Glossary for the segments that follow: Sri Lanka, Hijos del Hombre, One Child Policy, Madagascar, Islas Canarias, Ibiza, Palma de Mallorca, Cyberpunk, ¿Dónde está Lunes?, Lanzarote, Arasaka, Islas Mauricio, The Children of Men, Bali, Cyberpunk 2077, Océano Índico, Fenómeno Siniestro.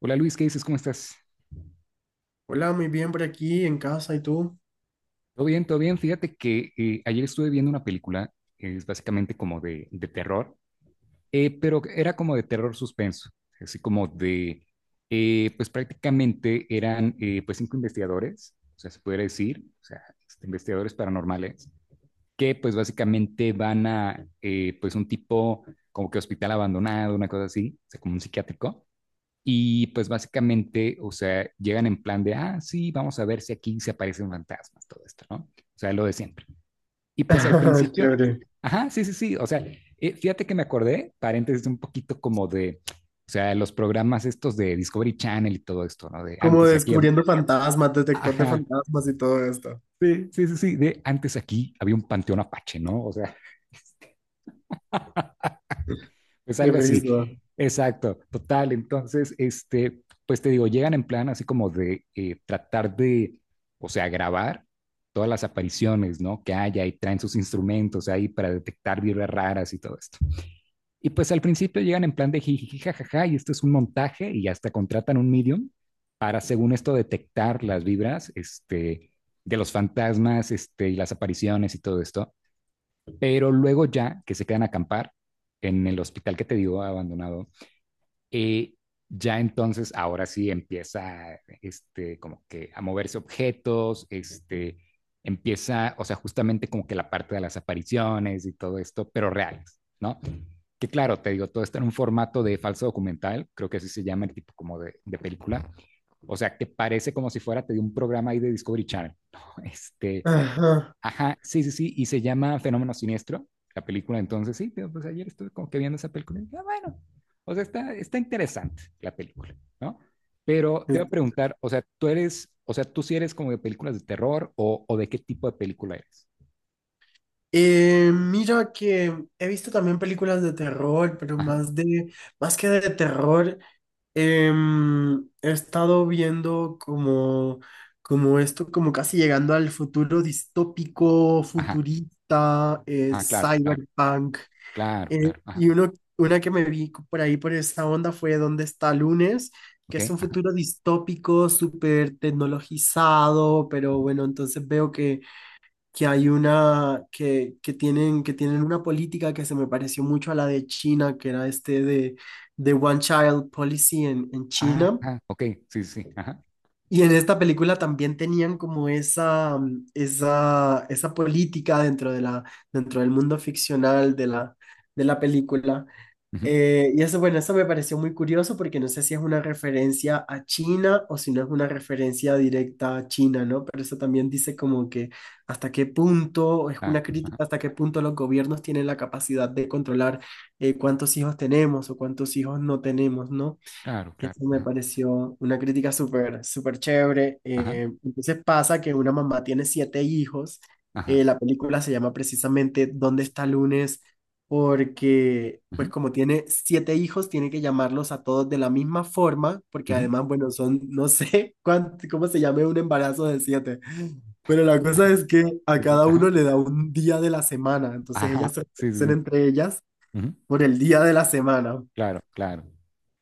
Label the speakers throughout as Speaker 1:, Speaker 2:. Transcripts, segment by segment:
Speaker 1: Hola Luis, ¿qué dices? ¿Cómo estás?
Speaker 2: Hola, muy bien por aquí en casa, ¿y tú?
Speaker 1: Todo bien, todo bien. Fíjate que ayer estuve viendo una película, es básicamente como de terror, pero era como de terror suspenso, así como de, pues prácticamente eran pues cinco investigadores, o sea, se podría decir, o sea, este, investigadores paranormales, que pues básicamente van a pues un tipo como que hospital abandonado, una cosa así, o sea, como un psiquiátrico. Y pues básicamente, o sea, llegan en plan de, ah, sí, vamos a ver si aquí se aparecen fantasmas, todo esto, ¿no? O sea, lo de siempre. Y pues al principio,
Speaker 2: Chévere.
Speaker 1: ajá, sí, sí, sí, o sea, fíjate que me acordé, paréntesis, un poquito como de, o sea, los programas estos de Discovery Channel y todo esto, ¿no? De
Speaker 2: Como
Speaker 1: antes aquí,
Speaker 2: descubriendo fantasmas, detector de
Speaker 1: ajá,
Speaker 2: fantasmas y todo esto.
Speaker 1: sí, sí, sí, sí, de antes aquí había un panteón apache, ¿no? O sea, es
Speaker 2: Qué
Speaker 1: algo así.
Speaker 2: risa.
Speaker 1: Exacto, total. Entonces, este, pues te digo, llegan en plan así como de tratar de, o sea, grabar todas las apariciones, ¿no? Que haya, y traen sus instrumentos ahí para detectar vibras raras y todo esto. Y pues al principio llegan en plan de jiji, jajaja, y esto es un montaje, y hasta contratan un medium para, según esto, detectar las vibras, este, de los fantasmas, este, y las apariciones y todo esto. Pero luego, ya que se quedan a acampar en el hospital que te digo abandonado, y ya entonces, ahora sí empieza, este, como que a moverse objetos, este, empieza, o sea, justamente como que la parte de las apariciones y todo esto, pero reales, ¿no? Que claro, te digo, todo está en un formato de falso documental, creo que así se llama el tipo como de película, o sea, que parece como si fuera, te digo, un programa ahí de Discovery Channel, ¿no? Este,
Speaker 2: Ajá.
Speaker 1: ajá, sí, sí, sí, y se llama Fenómeno Siniestro, la película. Entonces sí, pero pues ayer estuve como que viendo esa película y dije, ah, bueno, o sea, está interesante la película, ¿no? Pero te voy a preguntar, o sea, tú eres, o sea, tú sí eres como de películas de terror o de qué tipo de película eres.
Speaker 2: Mira que he visto también películas de terror, pero
Speaker 1: Ajá,
Speaker 2: más que de terror, he estado viendo como esto, como casi llegando al futuro distópico,
Speaker 1: ajá,
Speaker 2: futurista,
Speaker 1: ah, claro, claro,
Speaker 2: cyberpunk.
Speaker 1: claro,
Speaker 2: Eh,
Speaker 1: claro, ajá,
Speaker 2: y uno, una que me vi por ahí por esa onda fue ¿Dónde está Lunes? Que
Speaker 1: ok,
Speaker 2: es un
Speaker 1: ajá,
Speaker 2: futuro distópico, súper tecnologizado, pero
Speaker 1: ujú.
Speaker 2: bueno, entonces veo que hay una, que tienen una política que se me pareció mucho a la de China, que era este de One Child Policy en China.
Speaker 1: Ajá, ok, sí, sí, sí, ajá,
Speaker 2: Y en esta película también tenían como esa política dentro de dentro del mundo ficcional de de la película.
Speaker 1: ujú,
Speaker 2: Y eso, bueno, eso me pareció muy curioso porque no sé si es una referencia a China o si no es una referencia directa a China, ¿no? Pero eso también dice como que hasta qué punto, es
Speaker 1: claro,
Speaker 2: una
Speaker 1: ajá,
Speaker 2: crítica, hasta qué punto los gobiernos tienen la capacidad de controlar cuántos hijos tenemos o cuántos hijos no tenemos, ¿no?
Speaker 1: claro, claro,
Speaker 2: Eso me
Speaker 1: ajá,
Speaker 2: pareció una crítica súper, súper chévere.
Speaker 1: ajá,
Speaker 2: Entonces pasa que una mamá tiene siete hijos.
Speaker 1: ajá,
Speaker 2: La película se llama precisamente ¿Dónde está Lunes? Porque, pues
Speaker 1: ujú,
Speaker 2: como tiene siete hijos, tiene que llamarlos a todos de la misma forma, porque
Speaker 1: ujú,
Speaker 2: además, bueno, son, no sé cuánto, cómo se llame un embarazo de siete. Pero la cosa
Speaker 1: ajá,
Speaker 2: es que a
Speaker 1: sí, sí,
Speaker 2: cada
Speaker 1: ajá,
Speaker 2: uno le da un día de la semana, entonces
Speaker 1: ajá,
Speaker 2: ellas se
Speaker 1: sí, sí,
Speaker 2: reconocen
Speaker 1: sí,
Speaker 2: entre ellas
Speaker 1: ujú,
Speaker 2: por el día de la semana
Speaker 1: claro, claro.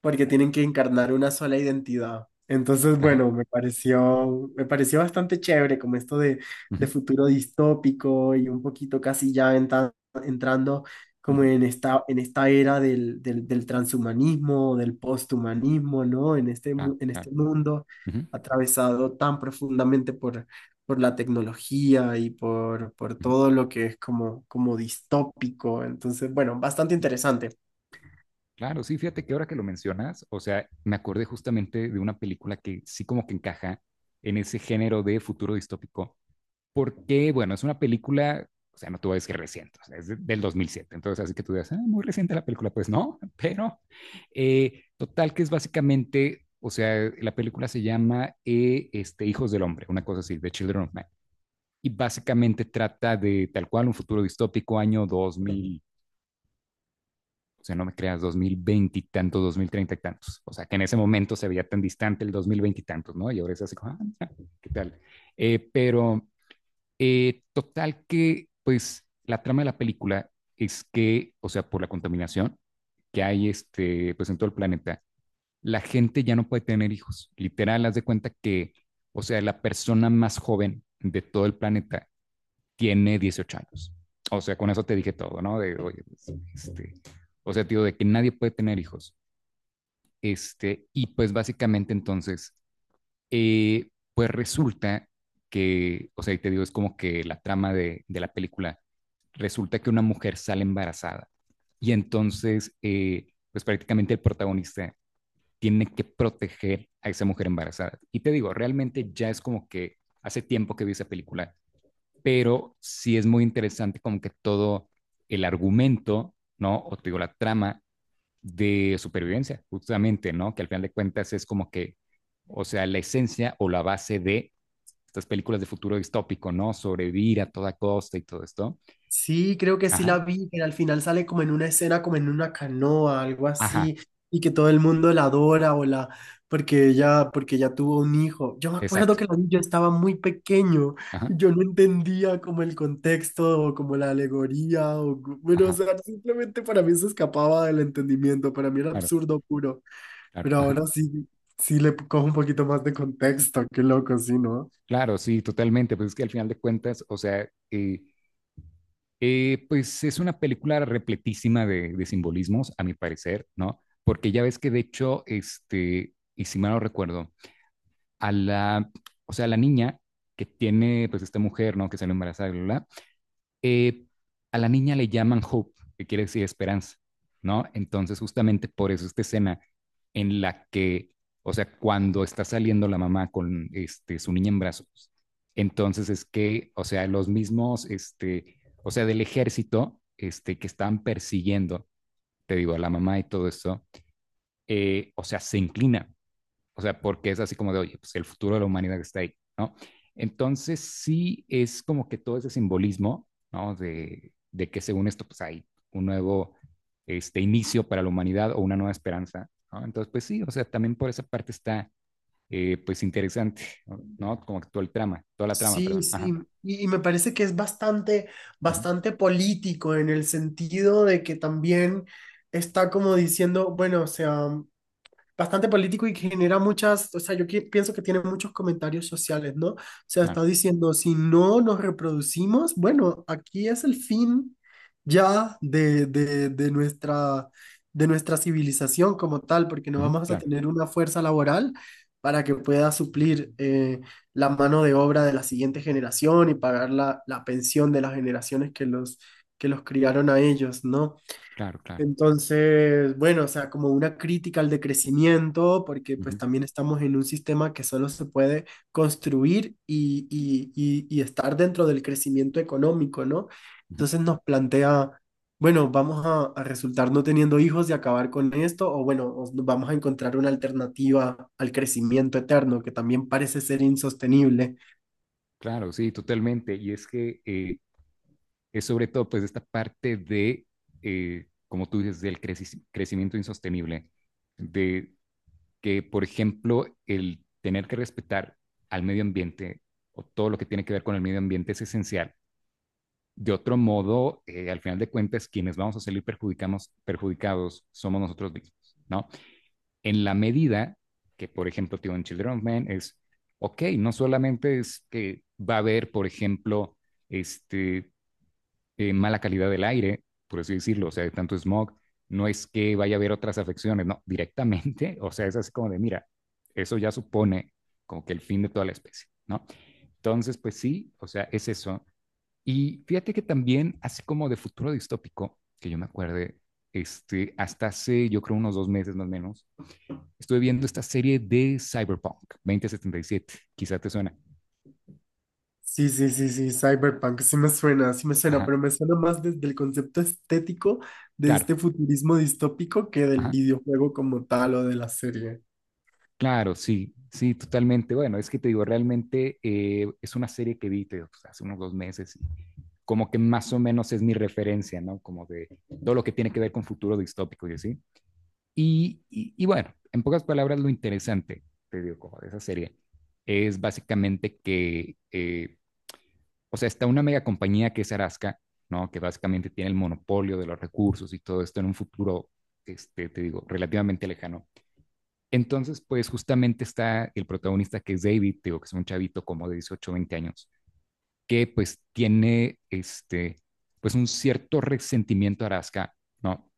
Speaker 2: porque
Speaker 1: Claro.
Speaker 2: tienen que encarnar una sola identidad. Entonces,
Speaker 1: Ajá.
Speaker 2: bueno, me pareció bastante chévere como esto de
Speaker 1: Ujú,
Speaker 2: futuro distópico y un poquito casi ya entrando como
Speaker 1: ujú,
Speaker 2: en esta era del transhumanismo, del posthumanismo, ¿no? En este,
Speaker 1: claro,
Speaker 2: en
Speaker 1: claro.
Speaker 2: este mundo
Speaker 1: Ujú,
Speaker 2: atravesado tan profundamente por la tecnología por
Speaker 1: ujú,
Speaker 2: todo lo que es como, como distópico. Entonces, bueno, bastante
Speaker 1: ujú.
Speaker 2: interesante.
Speaker 1: Claro, sí, fíjate que ahora que lo mencionas, o sea, me acordé justamente de una película que sí como que encaja en ese género de futuro distópico, porque, bueno, es una película, o sea, no te voy a decir reciente, o sea, es del 2007. Entonces, así que tú digas, "Ah, muy reciente la película", pues no, pero total que es básicamente, o sea, la película se llama este, Hijos del Hombre, una cosa así, The Children of Man. Y básicamente trata de tal cual un futuro distópico, año 2000, o sea, no me creas, 2020 y tantos, 2030 y tantos. O sea, que en ese momento se veía tan distante el 2020 y tantos, ¿no? Y ahora es así, como, ah, ¿qué tal? Pero total que, pues, la trama de la película es que, o sea, por la contaminación que hay, este, pues, en todo el planeta, la gente ya no puede tener hijos. Literal, haz de cuenta que, o sea, la persona más joven de todo el planeta tiene 18 años. O sea, con eso te dije todo, ¿no? De, oye, pues, este, o sea, tío, de que nadie puede tener hijos. Este, y pues básicamente entonces, eh, pues resulta que, o sea, y te digo, es como que la trama de, la película, resulta que una mujer sale embarazada, y entonces, pues prácticamente el protagonista tiene que proteger a esa mujer embarazada. Y te digo, realmente ya es como que hace tiempo que vi esa película, pero sí es muy interesante como que todo el argumento, ¿no? O te digo, la trama de supervivencia, justamente, ¿no? Que al final de cuentas es como que, o sea, la esencia o la base de estas películas de futuro distópico, ¿no? Sobrevivir a toda costa y todo esto.
Speaker 2: Sí, creo que sí
Speaker 1: Ajá,
Speaker 2: la vi, que al final sale como en una escena, como en una canoa, algo
Speaker 1: ajá,
Speaker 2: así, y que todo el mundo la adora o la, porque ella tuvo un hijo. Yo me acuerdo
Speaker 1: exacto.
Speaker 2: que la vi, yo estaba muy pequeño,
Speaker 1: Ajá,
Speaker 2: y yo no entendía como el contexto o como la alegoría, o, bueno, o
Speaker 1: ajá,
Speaker 2: sea, simplemente para mí se escapaba del entendimiento, para mí era
Speaker 1: claro,
Speaker 2: absurdo puro,
Speaker 1: claro,
Speaker 2: pero
Speaker 1: ajá.
Speaker 2: ahora sí, sí le cojo un poquito más de contexto, qué loco, sí, ¿no?
Speaker 1: Claro, sí, totalmente. Pues es que al final de cuentas, o sea, pues es una película repletísima de, simbolismos, a mi parecer, ¿no? Porque ya ves que de hecho, este, y si mal no recuerdo, a la, o sea, a la niña que tiene, pues, esta mujer, ¿no? Que sale embarazada, bla, bla, bla, eh, a la niña le llaman Hope, que quiere decir esperanza, ¿no? Entonces, justamente por eso esta escena en la que, o sea, cuando está saliendo la mamá con, este, su niña en brazos, entonces es que, o sea, los mismos, este, o sea, del ejército, este, que están persiguiendo, te digo, a la mamá y todo eso, o sea, se inclina, o sea, porque es así como de, oye, pues el futuro de la humanidad está ahí, ¿no? Entonces sí es como que todo ese simbolismo, ¿no? De que según esto, pues hay un nuevo, este, inicio para la humanidad o una nueva esperanza, ¿no? Entonces, pues sí, o sea, también por esa parte está, pues, interesante, ¿no? Como que todo el trama, toda la trama,
Speaker 2: Sí,
Speaker 1: perdón.
Speaker 2: sí,
Speaker 1: Ajá.
Speaker 2: y me parece que es bastante,
Speaker 1: Ujú.
Speaker 2: bastante político en el sentido de que también está como diciendo, bueno, o sea, bastante político y que genera muchas, o sea, pienso que tiene muchos comentarios sociales, ¿no? O sea, está
Speaker 1: Claro,
Speaker 2: diciendo, si no nos reproducimos, bueno, aquí es el fin ya de nuestra civilización como tal, porque no
Speaker 1: ujú,
Speaker 2: vamos a
Speaker 1: claro,
Speaker 2: tener una fuerza laboral para que pueda suplir la mano de obra de la siguiente generación y pagar la pensión de las generaciones que los criaron a ellos, ¿no?
Speaker 1: claro, claro.
Speaker 2: Entonces, bueno, o sea, como una crítica al decrecimiento, porque pues
Speaker 1: Ujú.
Speaker 2: también estamos en un sistema que solo se puede construir y estar dentro del crecimiento económico, ¿no?
Speaker 1: Ujú.
Speaker 2: Entonces nos plantea, bueno, vamos a resultar no teniendo hijos y acabar con esto, o bueno, o nos vamos a encontrar una alternativa al crecimiento eterno, que también parece ser insostenible.
Speaker 1: Claro, sí, totalmente. Y es que, es sobre todo pues esta parte de, como tú dices, del crecimiento insostenible, de que, por ejemplo, el tener que respetar al medio ambiente o todo lo que tiene que ver con el medio ambiente es esencial. De otro modo, al final de cuentas, quienes vamos a salir perjudicados somos nosotros mismos, ¿no? En la medida que, por ejemplo, tío, en Children of Men es, ok, no solamente es que va a haber, por ejemplo, este, mala calidad del aire, por así decirlo, o sea, de tanto smog, no es que vaya a haber otras afecciones, no, directamente, o sea, es así como de, mira, eso ya supone como que el fin de toda la especie, ¿no? Entonces, pues sí, o sea, es eso. Y fíjate que también, así como de futuro distópico, que yo me acuerde, este, hasta hace, yo creo, unos 2 meses más o menos, estuve viendo esta serie de Cyberpunk 2077, quizá te suena.
Speaker 2: Sí, sí, Cyberpunk, sí me suena,
Speaker 1: Ajá,
Speaker 2: pero me suena más desde el concepto estético de
Speaker 1: claro,
Speaker 2: este futurismo distópico que del
Speaker 1: ajá.
Speaker 2: videojuego como tal o de la serie.
Speaker 1: Claro, sí, sí, totalmente. Bueno, es que te digo, realmente es una serie que vi, te digo, pues, hace unos 2 meses, y como que más o menos es mi referencia, ¿no? Como de todo lo que tiene que ver con futuro distópico y así. Y bueno, en pocas palabras, lo interesante, te digo, como de esa serie, es básicamente que, o sea, está una mega compañía que es Arasca, ¿no? Que básicamente tiene el monopolio de los recursos y todo esto en un futuro, este, te digo, relativamente lejano. Entonces, pues, justamente está el protagonista, que es David, digo, que es un chavito como de 18 20 años, que pues tiene, este, pues un cierto resentimiento a Araska, ¿no?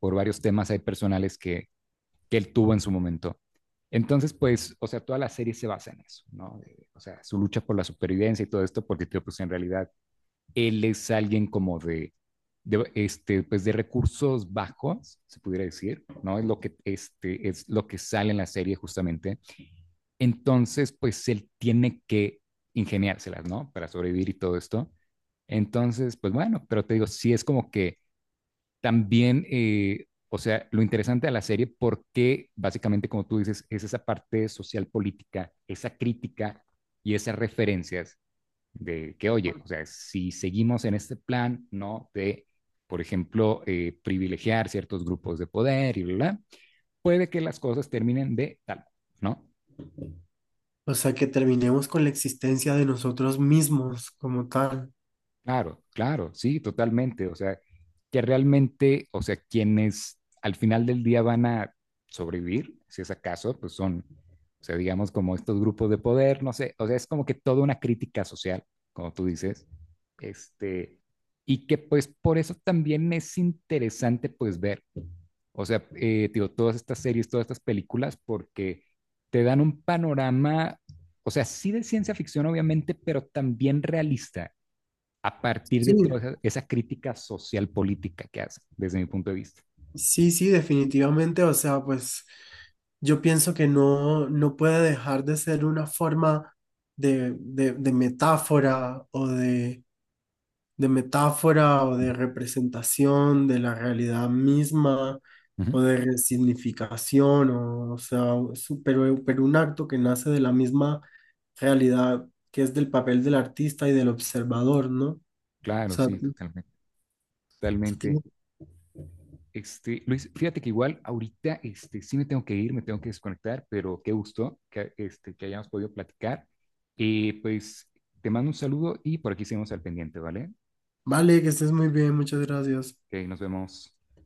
Speaker 1: Por varios temas ahí personales que, él tuvo en su momento. Entonces, pues, o sea, toda la serie se basa en eso, ¿no? De, o sea, su lucha por la supervivencia y todo esto, porque, pues, en realidad, él es alguien como de, este, pues, de recursos bajos, se pudiera decir, ¿no? Es lo que, este, es lo que sale en la serie justamente. Entonces, pues él tiene que ingeniárselas, ¿no? Para sobrevivir y todo esto. Entonces, pues bueno, pero te digo, sí es como que también, o sea, lo interesante de la serie, porque básicamente, como tú dices, es esa parte social política, esa crítica y esas referencias de que, oye, o sea, si seguimos en este plan, ¿no? De, por ejemplo, privilegiar ciertos grupos de poder y bla, bla, puede que las cosas terminen de tal, ¿no?
Speaker 2: O sea, que terminemos con la existencia de nosotros mismos como tal.
Speaker 1: Claro, claro, sí, totalmente. O sea, que realmente, o sea, quienes al final del día van a sobrevivir, si es acaso, pues son, o sea, digamos como estos grupos de poder, no sé, o sea, es como que toda una crítica social, como tú dices, este, y que pues por eso también es interesante pues ver, o sea, digo, todas estas series, todas estas películas, porque te dan un panorama, o sea, sí de ciencia ficción, obviamente, pero también realista a partir
Speaker 2: Sí,
Speaker 1: de toda esa crítica social política que hace, desde mi punto de vista.
Speaker 2: sí, sí, definitivamente, o sea, pues yo pienso que no, no puede dejar de ser una forma de, de metáfora o de metáfora o de
Speaker 1: Ujú,
Speaker 2: representación de la realidad misma
Speaker 1: ujú.
Speaker 2: o de resignificación, o sea, pero un acto que nace de la misma realidad que es del papel del artista y del observador, ¿no? O
Speaker 1: Claro,
Speaker 2: sea,
Speaker 1: sí, totalmente, totalmente.
Speaker 2: tiene-
Speaker 1: Este, Luis, fíjate que igual ahorita, este, sí me tengo que ir, me tengo que desconectar, pero qué gusto que, este, que hayamos podido platicar. Y pues te mando un saludo y por aquí seguimos al pendiente, ¿vale?
Speaker 2: vale, que estés muy bien, muchas gracias.
Speaker 1: Ok, nos vemos.